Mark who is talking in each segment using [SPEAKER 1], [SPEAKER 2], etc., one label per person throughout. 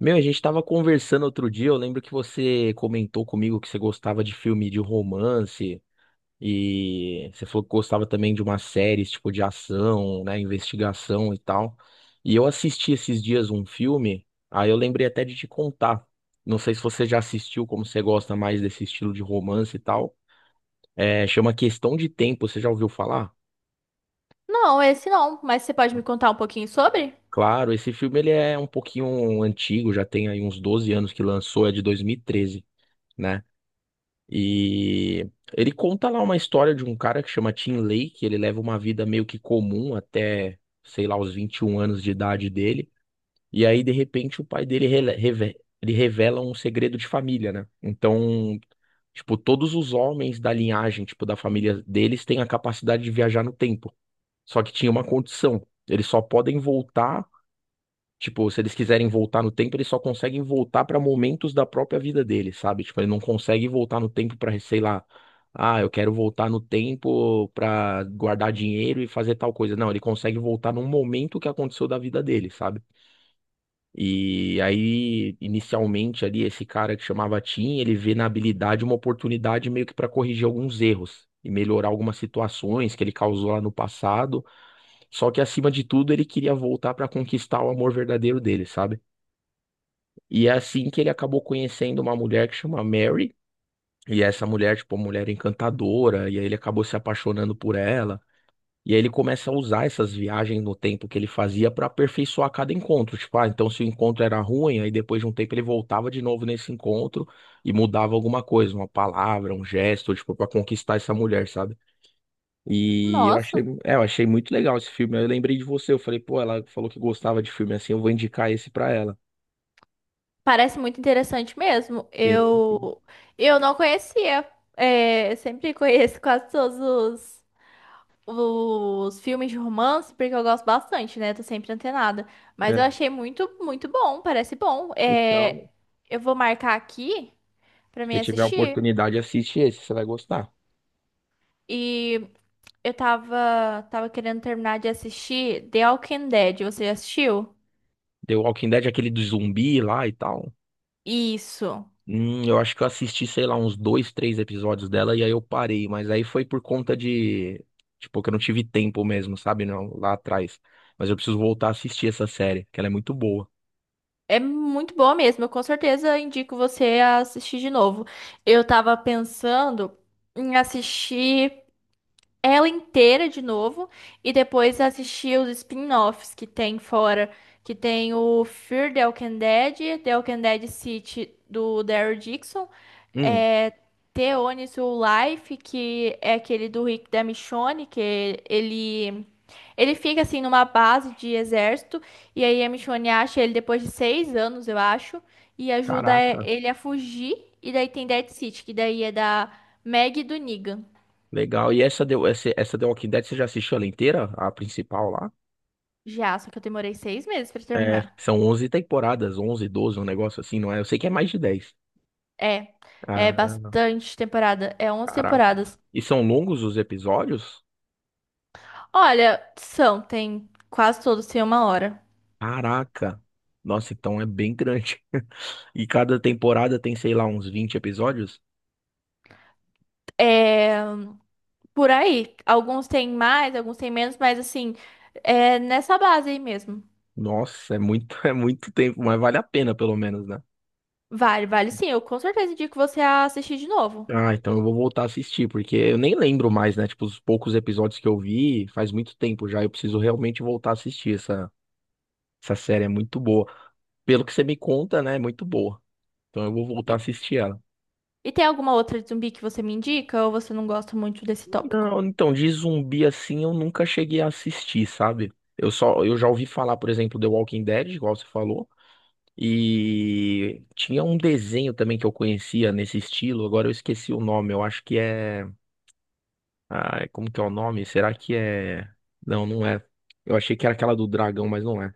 [SPEAKER 1] Meu, a gente tava conversando outro dia, eu lembro que você comentou comigo que você gostava de filme de romance e você falou que gostava também de umas séries tipo de ação, né, investigação e tal. E eu assisti esses dias um filme, aí eu lembrei até de te contar. Não sei se você já assistiu, como você gosta mais desse estilo de romance e tal. É, chama Questão de Tempo, você já ouviu falar?
[SPEAKER 2] Não, esse não, mas você pode me contar um pouquinho sobre?
[SPEAKER 1] Claro, esse filme ele é um pouquinho antigo, já tem aí uns 12 anos que lançou, é de 2013, né? E ele conta lá uma história de um cara que chama Tim Lake, ele leva uma vida meio que comum até, sei lá, os 21 anos de idade dele. E aí, de repente, o pai dele ele revela um segredo de família, né? Então, tipo, todos os homens da linhagem, tipo, da família deles têm a capacidade de viajar no tempo. Só que tinha uma condição. Eles só podem voltar. Tipo, se eles quiserem voltar no tempo, eles só conseguem voltar pra momentos da própria vida deles, sabe? Tipo, ele não consegue voltar no tempo pra, sei lá, ah, eu quero voltar no tempo pra guardar dinheiro e fazer tal coisa. Não, ele consegue voltar num momento que aconteceu da vida dele, sabe? E aí, inicialmente ali, esse cara que chamava Tim, ele vê na habilidade uma oportunidade meio que para corrigir alguns erros e melhorar algumas situações que ele causou lá no passado. Só que, acima de tudo, ele queria voltar para conquistar o amor verdadeiro dele, sabe? E é assim que ele acabou conhecendo uma mulher que chama Mary. E essa mulher, tipo, uma mulher encantadora. E aí ele acabou se apaixonando por ela. E aí ele começa a usar essas viagens no tempo que ele fazia para aperfeiçoar cada encontro. Tipo, ah, então se o encontro era ruim, aí depois de um tempo ele voltava de novo nesse encontro e mudava alguma coisa, uma palavra, um gesto, tipo, para conquistar essa mulher, sabe? E eu
[SPEAKER 2] Nossa,
[SPEAKER 1] achei, é, eu achei muito legal esse filme. Aí eu lembrei de você, eu falei, pô, ela falou que gostava de filme assim, eu vou indicar esse pra ela.
[SPEAKER 2] parece muito interessante mesmo.
[SPEAKER 1] Sim, sim.
[SPEAKER 2] Eu não conhecia. É, eu sempre conheço quase os filmes de romance, porque eu gosto bastante, né? Tô sempre antenada. Mas eu
[SPEAKER 1] É.
[SPEAKER 2] achei muito, muito bom, parece bom. É,
[SPEAKER 1] Então,
[SPEAKER 2] eu vou marcar aqui pra
[SPEAKER 1] se você
[SPEAKER 2] mim
[SPEAKER 1] tiver a
[SPEAKER 2] assistir.
[SPEAKER 1] oportunidade, assiste esse, você vai gostar.
[SPEAKER 2] E eu tava querendo terminar de assistir The Walking Dead. Você já assistiu?
[SPEAKER 1] The Walking Dead, aquele do zumbi lá e tal.
[SPEAKER 2] Isso.
[SPEAKER 1] Eu acho que eu assisti, sei lá, uns dois, três episódios dela e aí eu parei, mas aí foi por conta de, tipo, que eu não tive tempo mesmo, sabe, não, lá atrás. Mas eu preciso voltar a assistir essa série, que ela é muito boa.
[SPEAKER 2] É muito boa mesmo, eu com certeza indico você a assistir de novo. Eu tava pensando em assistir ela inteira de novo e depois assistir os spin-offs que tem fora, que tem o Fear the Walking Dead, The Walking Dead City do Daryl Dixon,
[SPEAKER 1] Hum,
[SPEAKER 2] é, The Onis Who Life, que é aquele do Rick da Michonne, que ele fica assim numa base de exército e aí a Michonne acha ele depois de 6 anos, eu acho, e ajuda
[SPEAKER 1] caraca,
[SPEAKER 2] ele a fugir. E daí tem Dead City, que daí é da Maggie e do Negan.
[SPEAKER 1] legal. E essa The Walking Dead, você já assistiu ela inteira, a principal lá?
[SPEAKER 2] Já, só que eu demorei 6 meses pra
[SPEAKER 1] É,
[SPEAKER 2] terminar.
[SPEAKER 1] são 11 temporadas, 11 12 um negócio assim, não é? Eu sei que é mais de 10.
[SPEAKER 2] É, é
[SPEAKER 1] Ah,
[SPEAKER 2] bastante temporada. É onze
[SPEAKER 1] caraca.
[SPEAKER 2] temporadas.
[SPEAKER 1] E são longos os episódios?
[SPEAKER 2] Olha, são, tem quase todos têm 1 hora.
[SPEAKER 1] Caraca! Nossa, então é bem grande. E cada temporada tem, sei lá, uns 20 episódios?
[SPEAKER 2] É, por aí. Alguns têm mais, alguns têm menos, mas assim, é nessa base aí mesmo.
[SPEAKER 1] Nossa, é muito, é muito tempo, mas vale a pena, pelo menos, né?
[SPEAKER 2] Vale, vale sim. Eu com certeza indico você a assistir de novo.
[SPEAKER 1] Ah, então eu vou voltar a assistir, porque eu nem lembro mais, né? Tipo, os poucos episódios que eu vi faz muito tempo já. Eu preciso realmente voltar a assistir essa, essa série, é muito boa. Pelo que você me conta, né? É muito boa. Então eu vou voltar a
[SPEAKER 2] E,
[SPEAKER 1] assistir ela.
[SPEAKER 2] e tem alguma outra de zumbi que você me indica ou você não gosta muito desse tópico?
[SPEAKER 1] Não, então, de zumbi assim eu nunca cheguei a assistir, sabe? Eu só, eu já ouvi falar, por exemplo, The Walking Dead, igual você falou. E tinha um desenho também que eu conhecia nesse estilo, agora eu esqueci o nome, eu acho que é... Ah, como que é o nome? Será que é... Não, não é. Eu achei que era aquela do dragão, mas não é.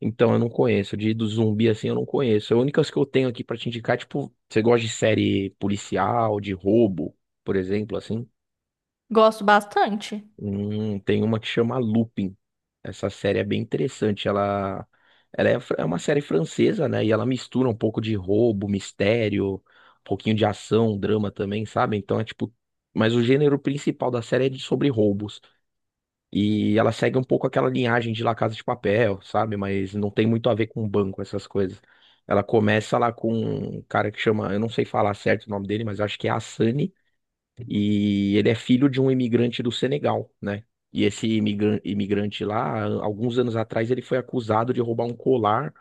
[SPEAKER 1] Então eu não conheço. De do zumbi assim eu não conheço. A única que eu tenho aqui pra te indicar, tipo, você gosta de série policial, de roubo, por exemplo, assim?
[SPEAKER 2] Gosto bastante.
[SPEAKER 1] Tem uma que chama Lupin. Essa série é bem interessante. Ela é, é uma série francesa, né? E ela mistura um pouco de roubo, mistério, um pouquinho de ação, drama também, sabe? Então é tipo... Mas o gênero principal da série é de sobre roubos. E ela segue um pouco aquela linhagem de La Casa de Papel, sabe? Mas não tem muito a ver com banco, essas coisas. Ela começa lá com um cara que chama... Eu não sei falar certo o nome dele, mas acho que é Assani. E ele é filho de um imigrante do Senegal, né? E esse imigrante lá, alguns anos atrás, ele foi acusado de roubar um colar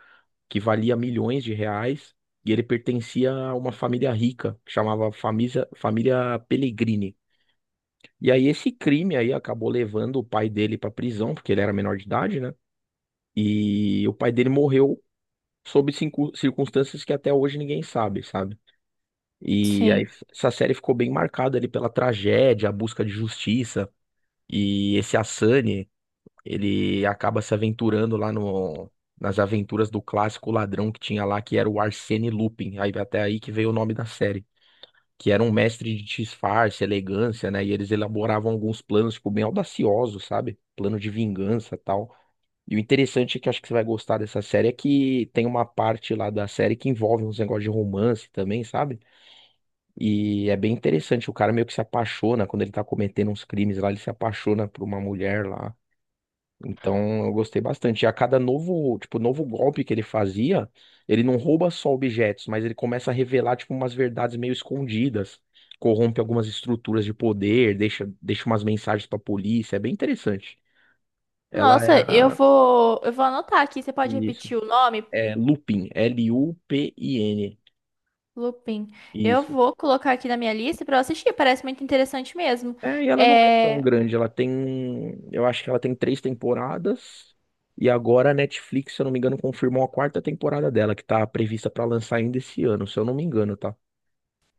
[SPEAKER 1] que valia milhões de reais. E ele pertencia a uma família rica, que chamava Família Pellegrini. E aí esse crime aí acabou levando o pai dele para prisão, porque ele era menor de idade, né? E o pai dele morreu sob circunstâncias que até hoje ninguém sabe, sabe? E aí
[SPEAKER 2] Sim.
[SPEAKER 1] essa série ficou bem marcada ali pela tragédia, a busca de justiça. E esse Asani, ele acaba se aventurando lá no, nas aventuras do clássico ladrão que tinha lá, que era o Arsène Lupin. Aí até aí que veio o nome da série. Que era um mestre de disfarce, elegância, né? E eles elaboravam alguns planos, tipo, bem audaciosos, sabe? Plano de vingança, tal. E o interessante é que eu acho que você vai gostar dessa série é que tem uma parte lá da série que envolve uns negócios de romance também, sabe? E é bem interessante. O cara meio que se apaixona quando ele tá cometendo uns crimes lá, ele se apaixona por uma mulher lá. Então eu gostei bastante. E a cada novo, tipo, novo golpe que ele fazia, ele não rouba só objetos, mas ele começa a revelar, tipo, umas verdades meio escondidas. Corrompe algumas estruturas de poder, deixa umas mensagens pra polícia. É bem interessante. Ela é
[SPEAKER 2] Nossa,
[SPEAKER 1] a...
[SPEAKER 2] eu vou anotar aqui. Você pode
[SPEAKER 1] Isso.
[SPEAKER 2] repetir o nome?
[SPEAKER 1] É Lupin. L-U-P-I-N.
[SPEAKER 2] Lupin. Eu
[SPEAKER 1] Isso.
[SPEAKER 2] vou colocar aqui na minha lista pra eu assistir, parece muito interessante mesmo.
[SPEAKER 1] É, e ela não é tão
[SPEAKER 2] É,
[SPEAKER 1] grande, ela tem, eu acho que ela tem três temporadas, e agora a Netflix, se eu não me engano, confirmou a quarta temporada dela, que tá prevista pra lançar ainda esse ano, se eu não me engano, tá?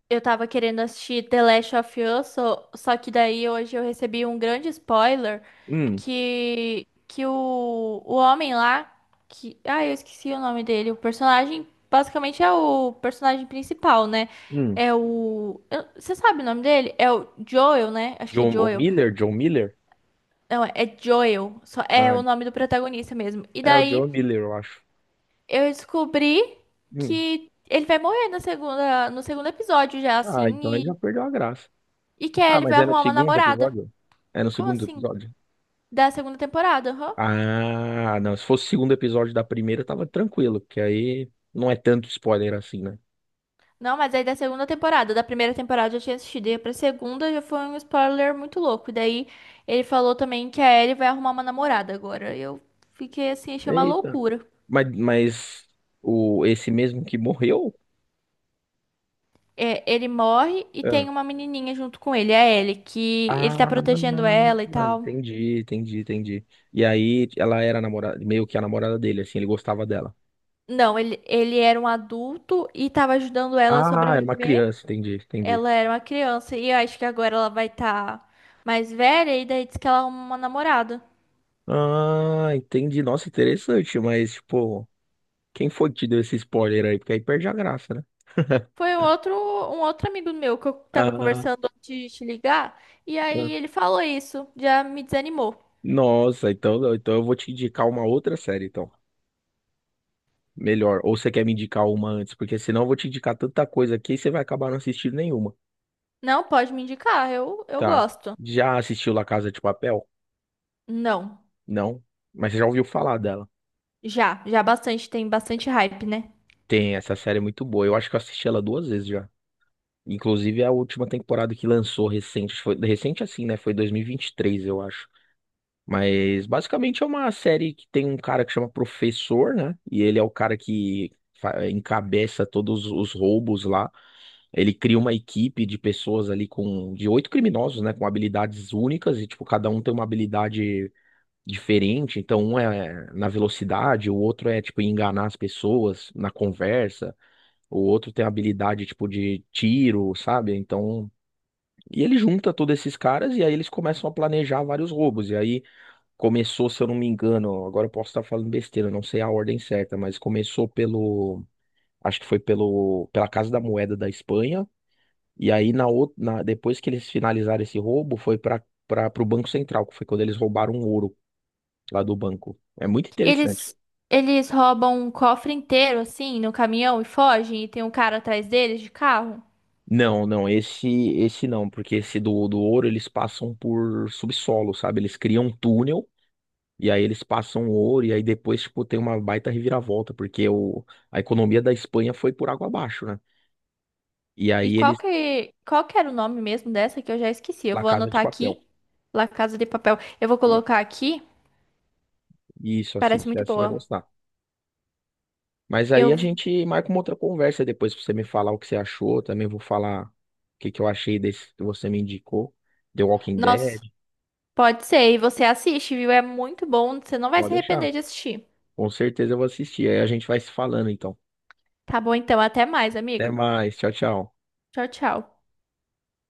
[SPEAKER 2] eu tava querendo assistir The Last of Us, só que daí hoje eu recebi um grande spoiler
[SPEAKER 1] Hum,
[SPEAKER 2] que o homem lá, que, ah, eu esqueci o nome dele, o personagem, basicamente é o personagem principal, né?
[SPEAKER 1] hum.
[SPEAKER 2] É você sabe o nome dele? É o Joel, né? Acho que é
[SPEAKER 1] John o
[SPEAKER 2] Joel.
[SPEAKER 1] Miller? John Miller?
[SPEAKER 2] Não, é Joel, só é
[SPEAKER 1] Ah,
[SPEAKER 2] o nome do protagonista mesmo. E
[SPEAKER 1] é o
[SPEAKER 2] daí
[SPEAKER 1] John Miller, eu acho.
[SPEAKER 2] eu descobri
[SPEAKER 1] Hum.
[SPEAKER 2] que ele vai morrer na no segundo episódio já,
[SPEAKER 1] Ah,
[SPEAKER 2] assim,
[SPEAKER 1] então ele já perdeu a graça.
[SPEAKER 2] e que a
[SPEAKER 1] Ah,
[SPEAKER 2] Ellie
[SPEAKER 1] mas
[SPEAKER 2] vai
[SPEAKER 1] é no
[SPEAKER 2] arrumar uma
[SPEAKER 1] segundo
[SPEAKER 2] namorada.
[SPEAKER 1] episódio? É no
[SPEAKER 2] Como
[SPEAKER 1] segundo
[SPEAKER 2] assim?
[SPEAKER 1] episódio?
[SPEAKER 2] Da segunda temporada, aham.
[SPEAKER 1] Ah, não, se fosse o segundo episódio da primeira, tava tranquilo, porque aí não é tanto spoiler assim, né?
[SPEAKER 2] Não, mas aí da segunda temporada, da primeira temporada eu já tinha assistido, e pra segunda já foi um spoiler muito louco. E daí ele falou também que a Ellie vai arrumar uma namorada agora. Eu fiquei assim, achei uma
[SPEAKER 1] Eita.
[SPEAKER 2] loucura.
[SPEAKER 1] Mas o, esse mesmo que morreu?
[SPEAKER 2] É, ele morre e
[SPEAKER 1] Ah,
[SPEAKER 2] tem uma menininha junto com ele, a Ellie, que ele
[SPEAKER 1] ah,
[SPEAKER 2] tá protegendo ela e tal.
[SPEAKER 1] entendi, entendi, entendi. E aí ela era a namorada, meio que a namorada dele, assim, ele gostava dela.
[SPEAKER 2] Não, ele era um adulto e estava ajudando ela a
[SPEAKER 1] Ah, era uma
[SPEAKER 2] sobreviver.
[SPEAKER 1] criança, entendi, entendi.
[SPEAKER 2] Ela era uma criança e eu acho que agora ela vai estar mais velha e daí diz que ela é uma namorada.
[SPEAKER 1] Ah, entendi. Nossa, interessante, mas, tipo, quem foi que te deu esse spoiler aí? Porque aí perde a graça, né?
[SPEAKER 2] Foi um outro amigo meu que eu tava
[SPEAKER 1] Ah,
[SPEAKER 2] conversando antes de te ligar e aí ele
[SPEAKER 1] ah.
[SPEAKER 2] falou isso, já me desanimou.
[SPEAKER 1] Nossa, então, então eu vou te indicar uma outra série, então. Melhor. Ou você quer me indicar uma antes? Porque senão eu vou te indicar tanta coisa aqui e você vai acabar não assistindo nenhuma.
[SPEAKER 2] Não, pode me indicar, eu
[SPEAKER 1] Tá.
[SPEAKER 2] gosto.
[SPEAKER 1] Já assistiu La Casa de Papel?
[SPEAKER 2] Não,
[SPEAKER 1] Não. Mas já ouviu falar dela?
[SPEAKER 2] já bastante, tem bastante hype, né?
[SPEAKER 1] Tem, essa série é muito boa. Eu acho que eu assisti ela duas vezes já. Inclusive é a última temporada que lançou recente. Foi recente assim, né? Foi 2023, eu acho. Mas basicamente é uma série que tem um cara que chama Professor, né? E ele é o cara que encabeça todos os roubos lá. Ele cria uma equipe de pessoas ali com de oito criminosos, né, com habilidades únicas e tipo cada um tem uma habilidade diferente. Então, um é na velocidade, o outro é, tipo, em enganar as pessoas na conversa, o outro tem habilidade, tipo, de tiro, sabe? Então... E ele junta todos esses caras e aí eles começam a planejar vários roubos. E aí começou, se eu não me engano, agora eu posso estar falando besteira, não sei a ordem certa, mas começou pelo... Acho que foi pelo, pela Casa da Moeda da Espanha. E aí, na, depois que eles finalizaram esse roubo, foi para o Banco Central, que foi quando eles roubaram o ouro lá do banco. É muito
[SPEAKER 2] E
[SPEAKER 1] interessante.
[SPEAKER 2] eles roubam um cofre inteiro assim no caminhão e fogem e tem um cara atrás deles de carro.
[SPEAKER 1] Não, não, esse não, porque esse do ouro eles passam por subsolo, sabe? Eles criam um túnel e aí eles passam o ouro e aí depois, tipo, tem uma baita reviravolta, porque o, a economia da Espanha foi por água abaixo, né? E
[SPEAKER 2] E
[SPEAKER 1] aí eles...
[SPEAKER 2] qual que era o nome mesmo dessa que eu já esqueci? Eu
[SPEAKER 1] La
[SPEAKER 2] vou
[SPEAKER 1] Casa de
[SPEAKER 2] anotar
[SPEAKER 1] Papel.
[SPEAKER 2] aqui. La Casa de Papel. Eu vou
[SPEAKER 1] Isso.
[SPEAKER 2] colocar aqui.
[SPEAKER 1] Isso,
[SPEAKER 2] Parece
[SPEAKER 1] assiste,
[SPEAKER 2] muito
[SPEAKER 1] essa, você vai
[SPEAKER 2] boa.
[SPEAKER 1] gostar. Mas aí
[SPEAKER 2] Eu,
[SPEAKER 1] a gente marca uma outra conversa depois pra você me falar o que você achou, também vou falar o que que eu achei desse que você me indicou, The Walking Dead,
[SPEAKER 2] nossa, pode ser. E você assiste, viu? É muito bom. Você não vai se
[SPEAKER 1] pode deixar.
[SPEAKER 2] arrepender de assistir.
[SPEAKER 1] Com certeza eu vou assistir, aí a gente vai se falando então.
[SPEAKER 2] Tá bom, então. Até mais,
[SPEAKER 1] Até
[SPEAKER 2] amigo.
[SPEAKER 1] mais. Tchau, tchau.
[SPEAKER 2] Tchau, tchau.